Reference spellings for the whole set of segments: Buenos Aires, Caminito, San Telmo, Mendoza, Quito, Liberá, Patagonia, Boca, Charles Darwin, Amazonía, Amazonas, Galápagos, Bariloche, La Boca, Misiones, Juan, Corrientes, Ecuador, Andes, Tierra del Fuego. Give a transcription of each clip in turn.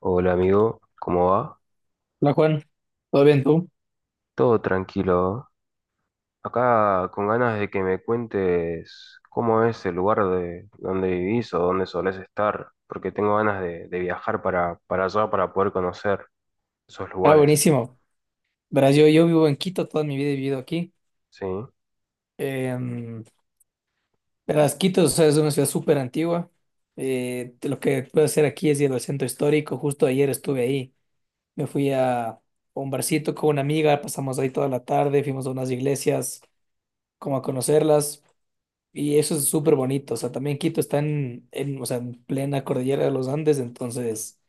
Hola amigo, ¿cómo va? Hola Juan, ¿todo bien tú? Todo tranquilo. Acá con ganas de que me cuentes cómo es el lugar de donde vivís o dónde solés estar, porque tengo ganas de viajar para allá para poder conocer esos Ah, lugares. buenísimo. Verás, yo vivo en Quito, toda mi vida he vivido aquí. ¿Sí? Em, verás, Quito, o sea, es una ciudad súper antigua. Lo que puedo hacer aquí es ir al centro histórico. Justo ayer estuve ahí. Me fui a un barcito con una amiga, pasamos ahí toda la tarde, fuimos a unas iglesias, como a conocerlas. Y eso es súper bonito. O sea, también Quito está o sea, en plena cordillera de los Andes, entonces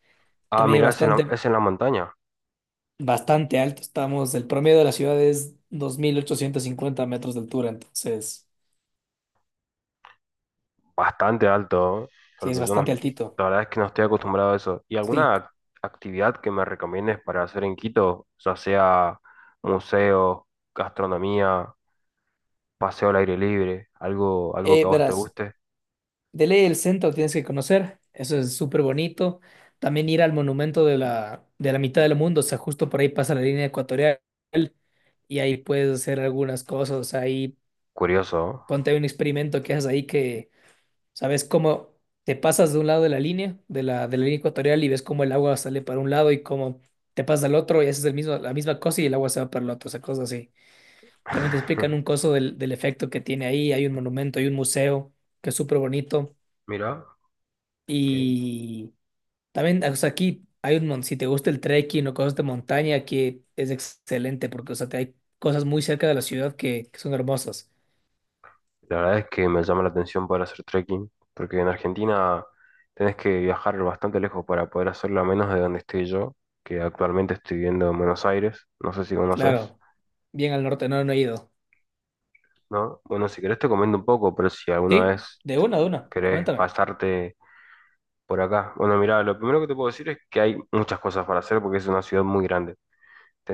Ah, también hay mirá, es en la, es en la montaña, bastante alto. Estamos, el promedio de la ciudad es 2.850 metros de altura, entonces bastante alto, ¿eh? sí es Porque yo bastante no, altito. la verdad es que no estoy acostumbrado a eso. ¿Y Sí. alguna actividad que me recomiendes para hacer en Quito, ya sea museos, gastronomía, paseo al aire libre, algo, algo que a vos te Verás, guste? de ley el centro tienes que conocer, eso es súper bonito. También ir al monumento de la mitad del mundo, o sea, justo por ahí pasa la línea ecuatorial y ahí puedes hacer algunas cosas, ahí Curioso, ¿no? ponte hay un experimento que haces ahí que, ¿sabes cómo? Te pasas de un lado de la línea, de la línea ecuatorial y ves cómo el agua sale para un lado y cómo te pasas al otro y haces la misma cosa y el agua se va para el otro, o sea, cosas así. También te explican un coso del efecto que tiene ahí, hay un monumento, hay un museo que es súper bonito Mira, que y también, o sea, aquí si te gusta el trekking o cosas de montaña, aquí es excelente porque, o sea, te hay cosas muy cerca de la ciudad que son hermosas. la verdad es que me llama la atención poder hacer trekking, porque en Argentina tenés que viajar bastante lejos para poder hacerlo a menos de donde estoy yo, que actualmente estoy viviendo en Buenos Aires, no sé si conoces, Claro, bien al norte, no, no he ido. ¿no? Bueno, si querés te comento un poco, pero si alguna Sí, vez de una, querés coméntame. pasarte por acá. Bueno, mira, lo primero que te puedo decir es que hay muchas cosas para hacer porque es una ciudad muy grande.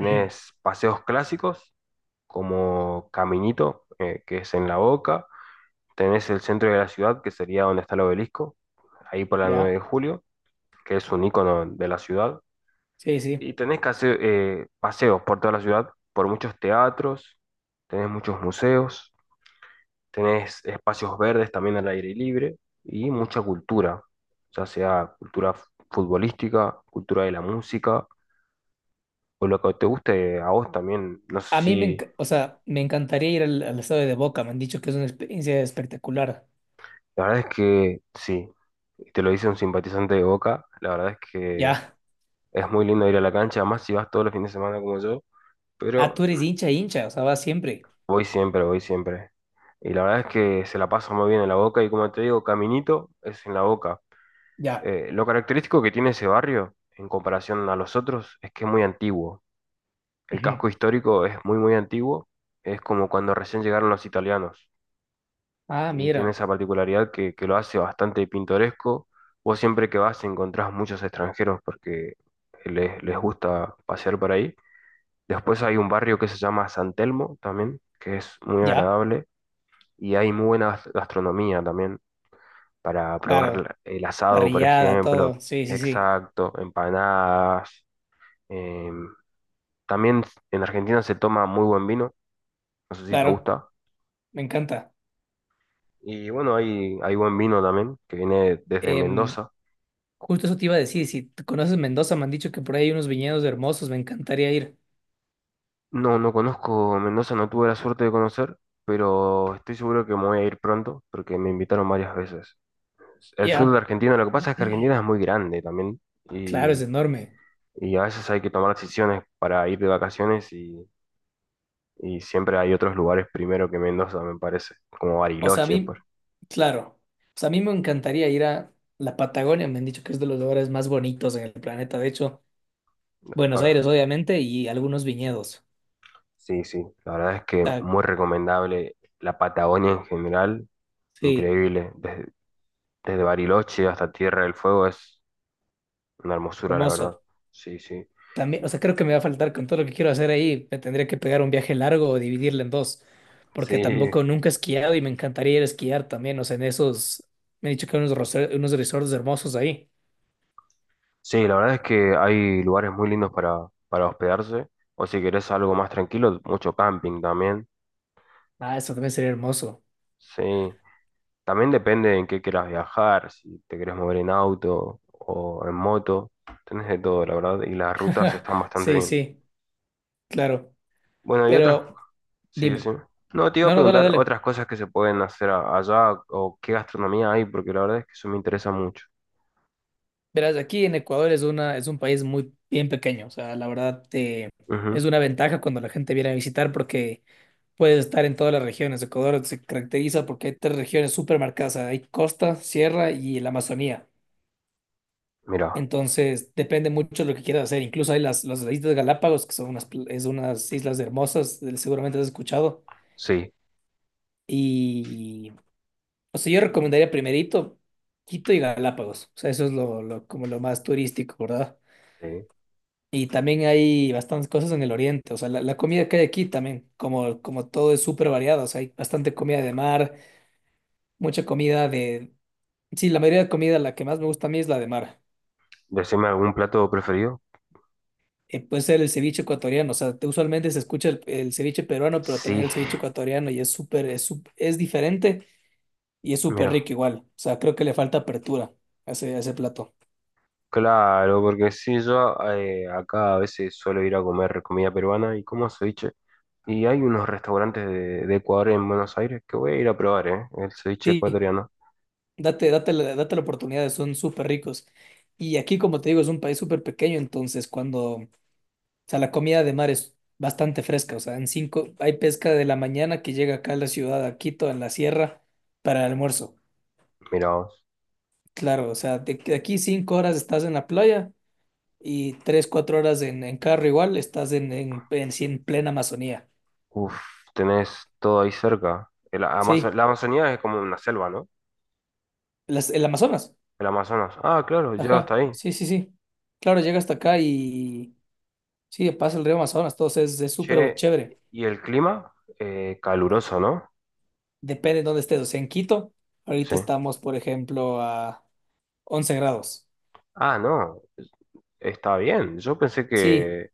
Ujú. paseos clásicos, como Caminito, que es en La Boca. Tenés el centro de la ciudad, que sería donde está el obelisco, ahí por la 9 de ¿Ya? julio, que es un icono de la ciudad. Sí, sí. Y tenés que hacer, paseos por toda la ciudad, por muchos teatros, tenés muchos museos, tenés espacios verdes también al aire libre y mucha cultura, ya sea cultura futbolística, cultura de la música o lo que te guste a vos también. No sé A mí si… o sea, me encantaría ir al estadio de Boca. Me han dicho que es una experiencia espectacular. La verdad es que sí, y te lo dice un simpatizante de Boca, la verdad es que Ya. es muy lindo ir a la cancha, más si vas todos los fines de semana como yo, Ah, tú pero eres hincha, hincha. O sea, vas siempre. voy siempre, voy siempre. Y la verdad es que se la pasa muy bien en la Boca y como te digo, Caminito es en la Boca. Ya. Lo característico que tiene ese barrio en comparación a los otros es que es muy antiguo. El Ujú. casco histórico es muy antiguo, es como cuando recién llegaron los italianos, Ah, y tiene mira. esa particularidad que lo hace bastante pintoresco. Vos siempre que vas encontrás muchos extranjeros porque les gusta pasear por ahí. Después hay un barrio que se llama San Telmo también, que es muy Ya. agradable y hay muy buena gastronomía también para probar Claro. El asado, por Parrillada, ejemplo, todo. Sí, sí, sí. exacto, empanadas. em, También en Argentina se toma muy buen vino, no sé si te Claro. gusta. Me encanta. Y bueno, hay buen vino también, que viene desde Em, Mendoza. justo eso te iba a decir. Si te conoces Mendoza, me han dicho que por ahí hay unos viñedos hermosos. Me encantaría ir. No, no conozco Mendoza, no tuve la suerte de conocer, pero estoy seguro que me voy a ir pronto porque me invitaron varias veces. El sur de Ya. Argentina, lo que pasa es que Argentina es muy grande también Claro, es y, enorme. y a veces hay que tomar decisiones para ir de vacaciones y siempre hay otros lugares primero que Mendoza, me parece, como O sea, a Bariloche. mí, Por… claro, o sea, a mí me encantaría ir a la Patagonia, me han dicho que es de los lugares más bonitos en el planeta, de hecho, Buenos Ahora, Aires, obviamente, y algunos viñedos. sí, sí, la verdad es O que sea, muy recomendable la Patagonia en general, sí, increíble, desde, desde Bariloche hasta Tierra del Fuego es una hermosura, la hermoso. verdad. Sí, sí. También, o sea, creo que me va a faltar con todo lo que quiero hacer ahí, me tendría que pegar un viaje largo o dividirlo en dos, porque Sí, tampoco nunca he esquiado y me encantaría ir a esquiar también, o sea, en esos, me han dicho que hay unos resorts hermosos ahí. sí, la verdad es que hay lugares muy lindos para hospedarse, o si querés algo más tranquilo, mucho camping también, Ah, eso también sería hermoso. sí. También depende en qué quieras viajar, si te querés mover en auto o en moto, tenés de todo, la verdad, y las rutas están bastante Sí, bien. sí, claro, Bueno, y otras, pero sí, sí. dime. No, te iba a No, no, dale, preguntar dale. otras cosas que se pueden hacer allá o qué gastronomía hay, porque la verdad es que eso me interesa mucho. Verás, aquí en Ecuador es un país muy bien pequeño, o sea, la verdad, Ujú. es una ventaja cuando la gente viene a visitar porque puedes estar en todas las regiones. Ecuador se caracteriza porque hay tres regiones súper marcadas, o sea, hay costa, sierra y la Amazonía. Mira, Entonces, depende mucho de lo que quieras hacer. Incluso hay las Islas Galápagos, que son unas, pl- es unas islas hermosas, seguramente has escuchado. sí, Y, o sea, yo recomendaría primerito Quito y Galápagos, o sea, eso es lo, como lo más turístico, ¿verdad? sí. Y también hay bastantes cosas en el oriente, o sea, la comida que hay aquí también, como todo es súper variado, o sea, hay bastante comida de mar, mucha comida de... Sí, la mayoría de comida, la que más me gusta a mí es la de mar. Decime algún plato preferido. Puede ser el ceviche ecuatoriano, o sea, usualmente se escucha el ceviche peruano, pero también Sí, el ceviche ecuatoriano y es diferente y es súper mira. rico igual, o sea, creo que le falta apertura a ese plato. Claro, porque sí, yo acá a veces suelo ir a comer comida peruana y como ceviche. Y hay unos restaurantes de Ecuador en Buenos Aires que voy a ir a probar, ¿eh? El ceviche Sí, ecuatoriano. Date la oportunidad, son súper ricos. Y aquí, como te digo, es un país súper pequeño, entonces cuando... O sea, la comida de mar es bastante fresca. O sea, hay pesca de la mañana que llega acá a la ciudad, a Quito, en la sierra, para el almuerzo. Mirá vos. Claro, o sea, de aquí 5 horas estás en la playa y 3 o 4 horas en carro igual, estás sí, en plena Amazonía. Uf, tenés todo ahí cerca. Sí, La Amazonía es como una selva, ¿no? El Amazonas. El Amazonas. Ah, claro, llega hasta Ajá, ahí. sí, sí, sí. Claro, llega hasta acá y sí, pasa el río Amazonas, todo es súper Che, chévere. ¿y el clima? ¿Caluroso, no? Depende de dónde estés. O sea, en Quito, ahorita Sí. estamos, por ejemplo, a 11 grados. Ah, no. Está bien, yo pensé Sí.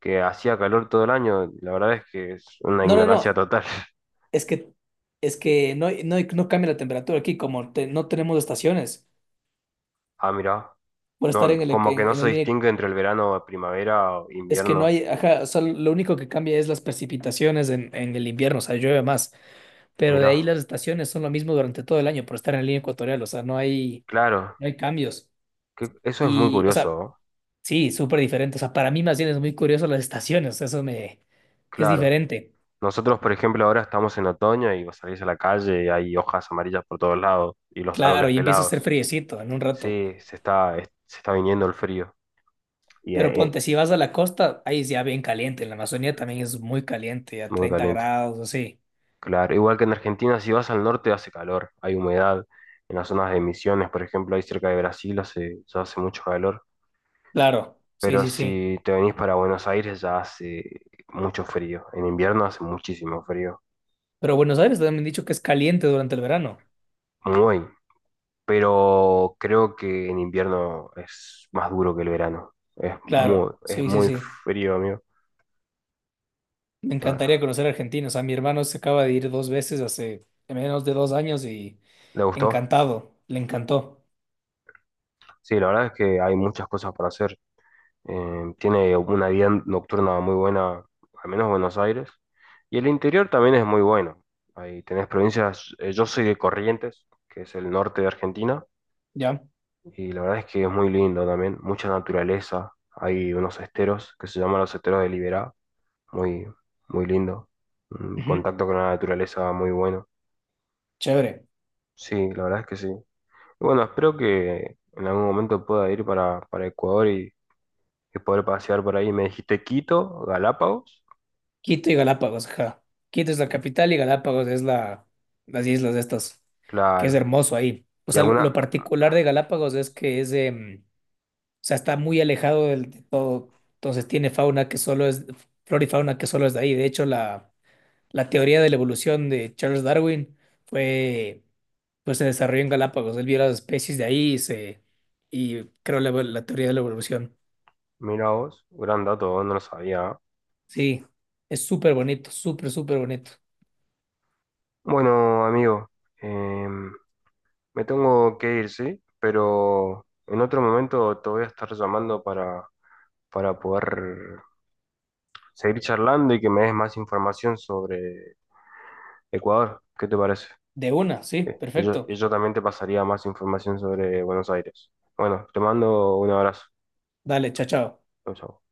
que hacía calor todo el año, la verdad es que es una No, no, ignorancia no. total. Es que, es que no, no cambia la temperatura aquí, como no tenemos estaciones Ah, mira, por estar no, como que no en la se línea. distingue entre el verano, primavera o Es que no invierno. hay, ajá, o sea, lo único que cambia es las precipitaciones en el invierno, o sea, llueve más. Pero de Mira, ahí las estaciones son lo mismo durante todo el año por estar en la línea ecuatorial, o sea, claro, no hay cambios. Eso es muy Y, o curioso, sea, ¿no? sí, súper diferente. O sea, para mí más bien es muy curioso las estaciones, es Claro. diferente. Nosotros, por ejemplo, ahora estamos en otoño y vos salís a la calle y hay hojas amarillas por todos lados y los Claro, árboles y empieza a hacer pelados. friecito en un rato. Sí, se está, se está viniendo el frío y Pero ponte, si vas a la costa, ahí es ya bien caliente. En la Amazonía también es muy caliente, a muy treinta caliente. grados, así. Claro, igual que en Argentina, si vas al norte hace calor, hay humedad. En las zonas de Misiones, por ejemplo, ahí cerca de Brasil hace, ya hace mucho calor. Claro, sí, Pero sí, sí. si te venís para Buenos Aires ya hace mucho frío. En invierno hace muchísimo frío. Pero Buenos Aires también me han dicho que es caliente durante el verano. Muy. Pero creo que en invierno es más duro que el verano. Claro, Es sí, sí, muy sí. frío, amigo. Me encantaría Ah, conocer Argentina. O sea, mi hermano se acaba de ir dos veces hace menos de 2 años y ¿le gustó? encantado, le encantó. Sí, la verdad es que hay muchas cosas para hacer. Tiene una vida nocturna muy buena, al menos Buenos Aires. Y el interior también es muy bueno. Ahí tenés provincias, yo soy de Corrientes, que es el norte de Argentina, ¿Ya? y la verdad es que es muy lindo también, mucha naturaleza. Hay unos esteros que se llaman los esteros de Liberá, muy, muy lindo. Un Ujú. contacto con la naturaleza muy bueno. Chévere. Sí, la verdad es que sí. Y bueno, espero que en algún momento pueda ir para Ecuador y poder pasear por ahí. Me dijiste Quito, Galápagos. Quito y Galápagos, ajá. Quito es la capital y Galápagos es las islas de estas, que es Claro. hermoso ahí. O Y sea, lo, alguna… lo particular de Galápagos es que o sea, está muy alejado de todo, entonces tiene fauna que solo es, flora y fauna que solo es de ahí. De hecho, la teoría de la evolución de Charles Darwin fue, pues se desarrolló en Galápagos. Él vio las especies de ahí y creó la teoría de la evolución. Mira vos, gran dato, no lo sabía. Sí, es súper bonito, súper, súper bonito. Bueno, amigo, em, me tengo que ir, ¿sí? Pero en otro momento te voy a estar llamando para poder seguir charlando y que me des más información sobre Ecuador. ¿Qué te parece? De una, sí, Eh, Y yo, y perfecto. yo también te pasaría más información sobre Buenos Aires. Bueno, te mando un abrazo. Dale, chao, chao. Chau, chau.